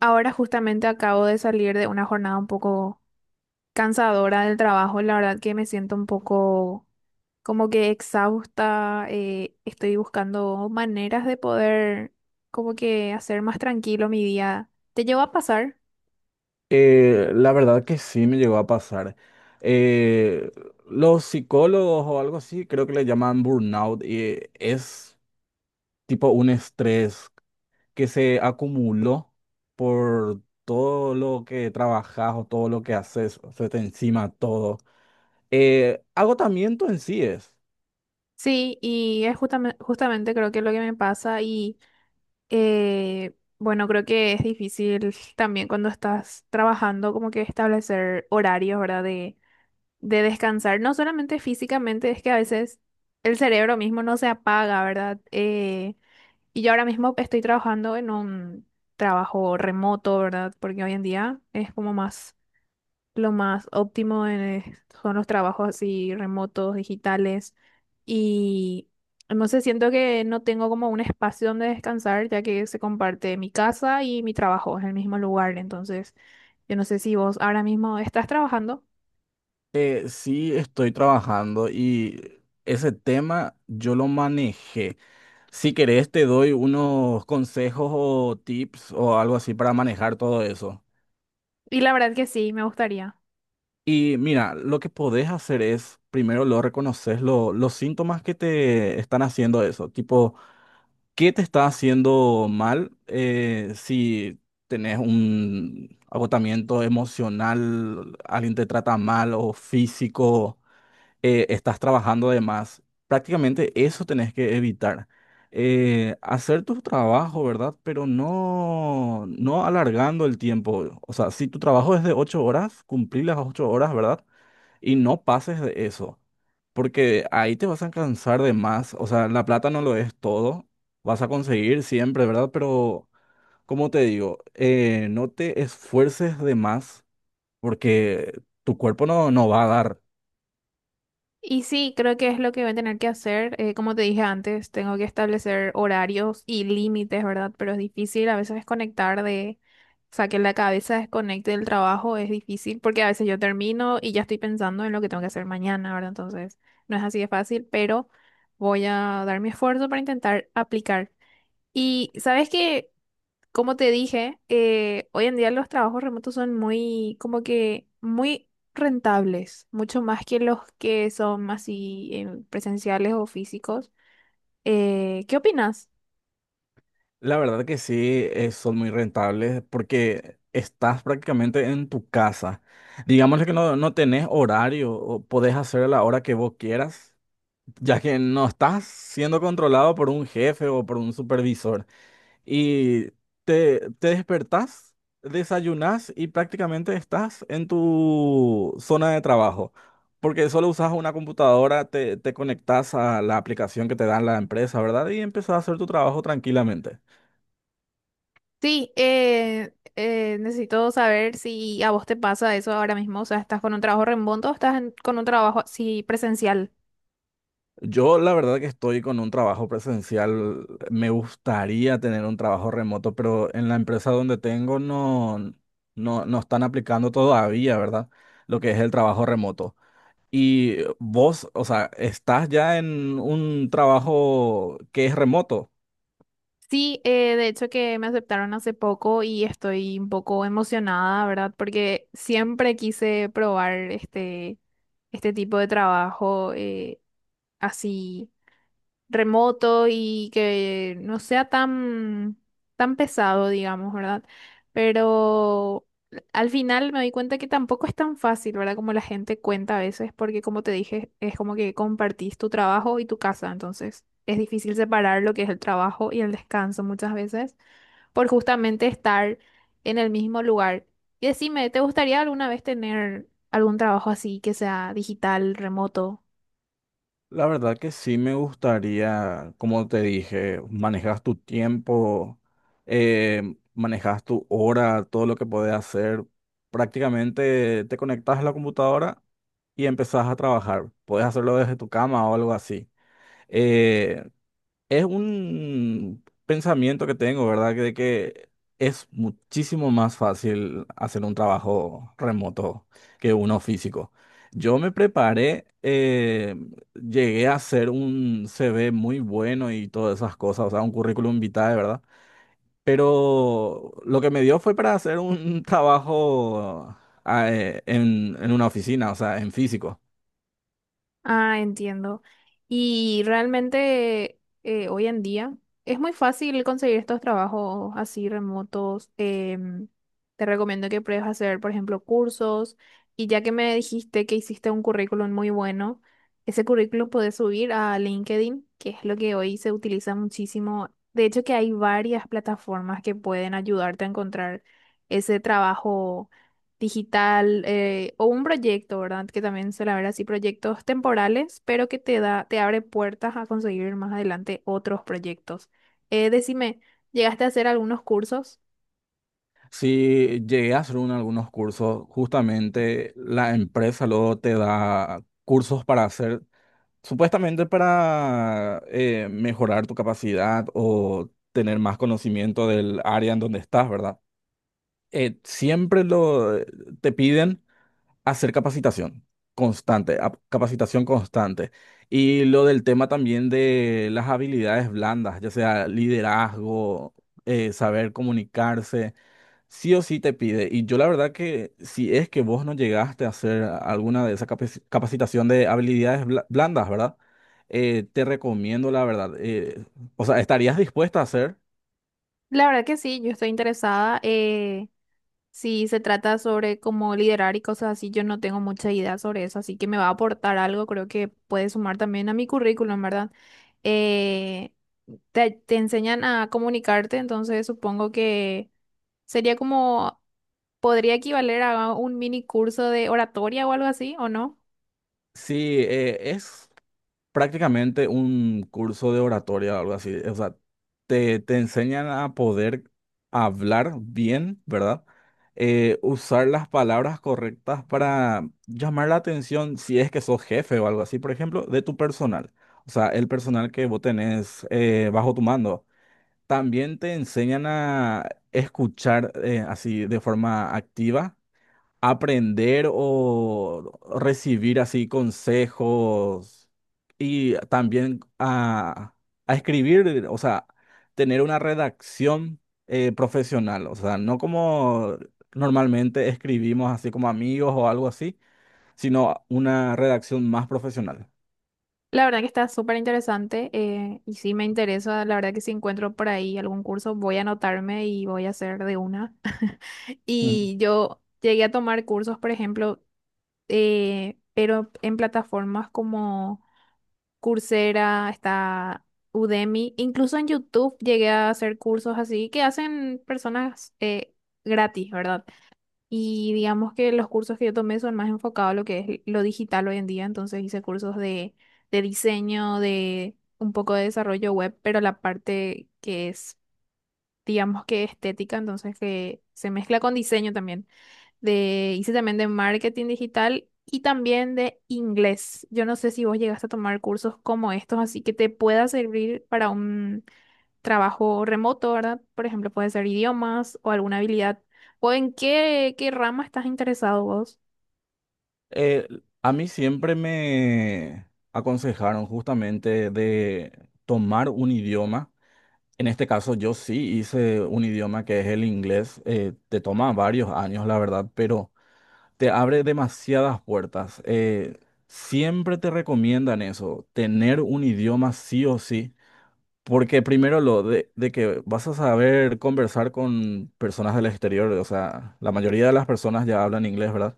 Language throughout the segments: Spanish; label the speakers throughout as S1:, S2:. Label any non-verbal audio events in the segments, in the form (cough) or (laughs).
S1: Ahora justamente acabo de salir de una jornada un poco cansadora del trabajo. La verdad que me siento un poco como que exhausta. Estoy buscando maneras de poder como que hacer más tranquilo mi día. ¿Te llevo a pasar?
S2: La verdad que sí me llegó a pasar. Eh, los psicólogos o algo así, creo que le llaman burnout y es tipo un estrés que se acumuló por todo lo que trabajas o todo lo que haces, o se te encima todo. Agotamiento en sí es.
S1: Sí, y es justamente creo que es lo que me pasa y bueno, creo que es difícil también cuando estás trabajando como que establecer horarios, ¿verdad? De descansar, no solamente físicamente, es que a veces el cerebro mismo no se apaga, ¿verdad? Y yo ahora mismo estoy trabajando en un trabajo remoto, ¿verdad? Porque hoy en día es como más, lo más óptimo en, son los trabajos así remotos, digitales. Y no sé, siento que no tengo como un espacio donde descansar, ya que se comparte mi casa y mi trabajo en el mismo lugar. Entonces, yo no sé si vos ahora mismo estás trabajando.
S2: Sí estoy trabajando y ese tema yo lo manejé. Si querés, te doy unos consejos o tips o algo así para manejar todo eso.
S1: Y la verdad que sí, me gustaría.
S2: Y mira, lo que podés hacer es, primero lo reconoces, los síntomas que te están haciendo eso. Tipo, ¿qué te está haciendo mal? Si tenés un agotamiento emocional, alguien te trata mal o físico. Estás trabajando de más. Prácticamente eso tenés que evitar. Hacer tu trabajo, ¿verdad? Pero no alargando el tiempo. O sea, si tu trabajo es de ocho horas, cumplir las ocho horas, ¿verdad? Y no pases de eso, porque ahí te vas a cansar de más. O sea, la plata no lo es todo. Vas a conseguir siempre, ¿verdad? Pero, como te digo, no te esfuerces de más, porque tu cuerpo no va a dar.
S1: Y sí, creo que es lo que voy a tener que hacer. Como te dije antes, tengo que establecer horarios y límites, ¿verdad? Pero es difícil a veces desconectar de, o sea, que la cabeza desconecte del trabajo es difícil porque a veces yo termino y ya estoy pensando en lo que tengo que hacer mañana, ¿verdad? Entonces, no es así de fácil, pero voy a dar mi esfuerzo para intentar aplicar. Y sabes que como te dije, hoy en día los trabajos remotos son muy, como que muy rentables, mucho más que los que son así presenciales o físicos. ¿Qué opinas?
S2: La verdad que sí, son muy rentables porque estás prácticamente en tu casa. Digamos que no tenés horario o podés hacer a la hora que vos quieras, ya que no estás siendo controlado por un jefe o por un supervisor. Y te despertás, desayunás y prácticamente estás en tu zona de trabajo. Porque solo usas una computadora, te conectás a la aplicación que te da la empresa, ¿verdad? Y empezás a hacer tu trabajo tranquilamente.
S1: Sí, necesito saber si a vos te pasa eso ahora mismo, o sea, ¿estás con un trabajo remoto o estás con un trabajo así presencial?
S2: Yo la verdad que estoy con un trabajo presencial. Me gustaría tener un trabajo remoto, pero en la empresa donde tengo no están aplicando todavía, ¿verdad? Lo que es el trabajo remoto. Y vos, o sea, estás ya en un trabajo que es remoto.
S1: Sí, de hecho que me aceptaron hace poco y estoy un poco emocionada, ¿verdad? Porque siempre quise probar este tipo de trabajo así remoto y que no sea tan, tan pesado, digamos, ¿verdad? Pero al final me di cuenta que tampoco es tan fácil, ¿verdad? Como la gente cuenta a veces, porque como te dije, es como que compartís tu trabajo y tu casa, entonces es difícil separar lo que es el trabajo y el descanso muchas veces, por justamente estar en el mismo lugar. Y decime, ¿te gustaría alguna vez tener algún trabajo así que sea digital, remoto?
S2: La verdad que sí me gustaría, como te dije, manejas tu tiempo, manejas tu hora, todo lo que podés hacer. Prácticamente te conectas a la computadora y empezás a trabajar. Puedes hacerlo desde tu cama o algo así. Eh, es un pensamiento que tengo, ¿verdad? Que de que es muchísimo más fácil hacer un trabajo remoto que uno físico. Yo me preparé, llegué a hacer un CV muy bueno y todas esas cosas, o sea, un currículum vitae, ¿verdad? Pero lo que me dio fue para hacer un (laughs) trabajo en una oficina, o sea, en físico.
S1: Ah, entiendo. Y realmente hoy en día es muy fácil conseguir estos trabajos así remotos. Te recomiendo que pruebes a hacer, por ejemplo, cursos. Y ya que me dijiste que hiciste un currículum muy bueno, ese currículum puedes subir a LinkedIn, que es lo que hoy se utiliza muchísimo. De hecho, que hay varias plataformas que pueden ayudarte a encontrar ese trabajo digital o un proyecto, ¿verdad? Que también suele haber así proyectos temporales, pero que te da, te abre puertas a conseguir más adelante otros proyectos. Decime, ¿llegaste a hacer algunos cursos?
S2: Sí, llegué a hacer algunos cursos. Justamente la empresa luego te da cursos para hacer, supuestamente para mejorar tu capacidad o tener más conocimiento del área en donde estás, ¿verdad? Siempre te piden hacer capacitación constante, capacitación constante. Y lo del tema también de las habilidades blandas, ya sea liderazgo, saber comunicarse sí o sí te pide. Y yo la verdad que si es que vos no llegaste a hacer alguna de esa capacitación de habilidades blandas, ¿verdad? Te recomiendo la verdad. O sea, ¿estarías dispuesta a hacer?
S1: La verdad que sí, yo estoy interesada. Si se trata sobre cómo liderar y cosas así, yo no tengo mucha idea sobre eso, así que me va a aportar algo, creo que puede sumar también a mi currículum, ¿verdad? Eh, te enseñan a comunicarte, entonces supongo que sería como podría equivaler a un mini curso de oratoria o algo así, ¿o no?
S2: Sí, eh, es... prácticamente un curso de oratoria o algo así. O sea, te enseñan a poder hablar bien, ¿verdad? Usar las palabras correctas para llamar la atención si es que sos jefe o algo así, por ejemplo, de tu personal. O sea, el personal que vos tenés bajo tu mando. También te enseñan a escuchar así de forma activa aprender o recibir así consejos y también a escribir, o sea, tener una redacción profesional, o sea, no como normalmente escribimos así como amigos o algo así, sino una redacción más profesional.
S1: La verdad que está súper interesante y sí me interesa, la verdad que si encuentro por ahí algún curso voy a anotarme y voy a hacer de una. (laughs)
S2: Ujú.
S1: Y yo llegué a tomar cursos, por ejemplo, pero en plataformas como Coursera, está Udemy, incluso en YouTube llegué a hacer cursos así que hacen personas gratis, ¿verdad? Y digamos que los cursos que yo tomé son más enfocados a lo que es lo digital hoy en día. Entonces hice cursos de diseño, de un poco de desarrollo web, pero la parte que es, digamos que estética, entonces que se mezcla con diseño también. De, hice también de marketing digital y también de inglés. Yo no sé si vos llegaste a tomar cursos como estos, así que te pueda servir para un trabajo remoto, ¿verdad? Por ejemplo, puede ser idiomas o alguna habilidad. ¿O en qué rama estás interesado vos?
S2: Eh, a mí siempre me aconsejaron justamente de tomar un idioma. En este caso yo sí hice un idioma que es el inglés. Te toma varios años, la verdad, pero te abre demasiadas puertas. Siempre te recomiendan eso, tener un idioma sí o sí, porque primero lo de que vas a saber conversar con personas del exterior, o sea, la mayoría de las personas ya hablan inglés, ¿verdad?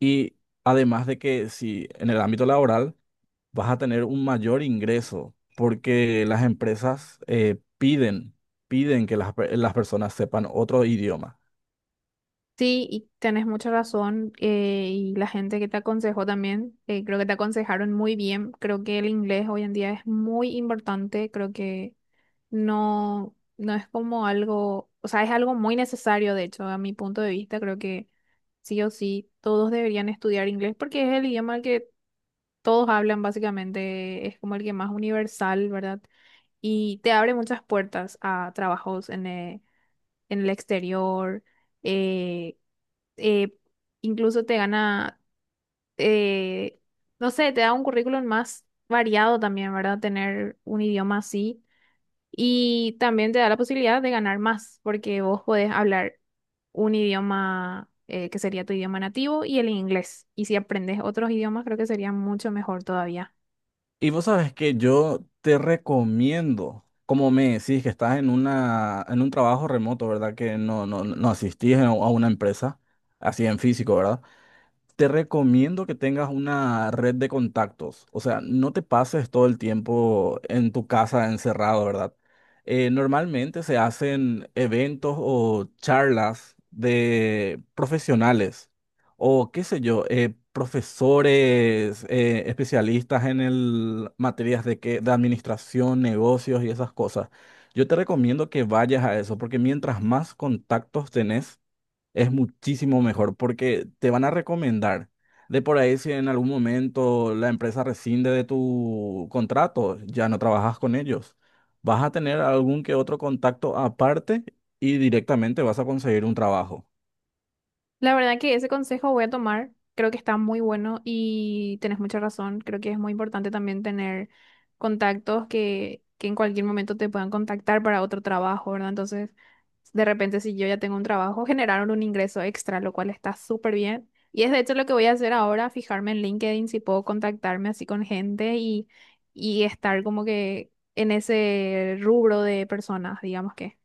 S2: Y además de que si en el ámbito laboral vas a tener un mayor ingreso porque las empresas piden que las personas sepan otro idioma.
S1: Sí, y tenés mucha razón. Y la gente que te aconsejó también, creo que te aconsejaron muy bien. Creo que el inglés hoy en día es muy importante. Creo que no, no es como algo, o sea, es algo muy necesario, de hecho, a mi punto de vista. Creo que sí o sí, todos deberían estudiar inglés porque es el idioma que todos hablan básicamente, es como el que más universal, ¿verdad? Y te abre muchas puertas a trabajos en el exterior, eh, eh, incluso te gana, eh, no sé, te da un currículum más variado también, ¿verdad? Tener un idioma así y también te da la posibilidad de ganar más porque vos podés hablar un idioma que sería tu idioma nativo y el inglés. Y si aprendes otros idiomas, creo que sería mucho mejor todavía.
S2: Y vos sabes que yo te recomiendo, como me decís que estás en en un trabajo remoto, ¿verdad? Que no asistís a una empresa, así en físico, ¿verdad? Te recomiendo que tengas una red de contactos, o sea, no te pases todo el tiempo en tu casa encerrado, ¿verdad? Normalmente se hacen eventos o charlas de profesionales o qué sé yo, profesores, especialistas materias de administración, negocios y esas cosas. Yo te recomiendo que vayas a eso, porque mientras más contactos tenés, es muchísimo mejor porque te van a recomendar. De por ahí, si en algún momento la empresa rescinde de tu contrato, ya no trabajas con ellos. Vas a tener algún que otro contacto aparte y directamente vas a conseguir un trabajo.
S1: La verdad que ese consejo voy a tomar, creo que está muy bueno y tenés mucha razón, creo que es muy importante también tener contactos que en cualquier momento te puedan contactar para otro trabajo, ¿verdad? Entonces, de repente si yo ya tengo un trabajo, generaron un ingreso extra, lo cual está súper bien. Y es de hecho lo que voy a hacer ahora, fijarme en LinkedIn si puedo contactarme así con gente y estar como que en ese rubro de personas, digamos que.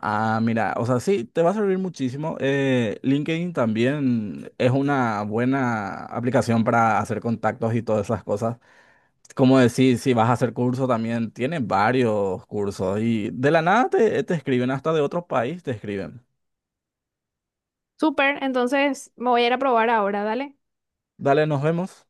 S2: Ah, mira, o sea, sí, te va a servir muchísimo. LinkedIn también es una buena aplicación para hacer contactos y todas esas cosas. Como decir, si vas a hacer curso también, tiene varios cursos y de la nada te escriben, hasta de otro país te escriben.
S1: Súper, entonces me voy a ir a probar ahora, dale.
S2: Dale, nos vemos.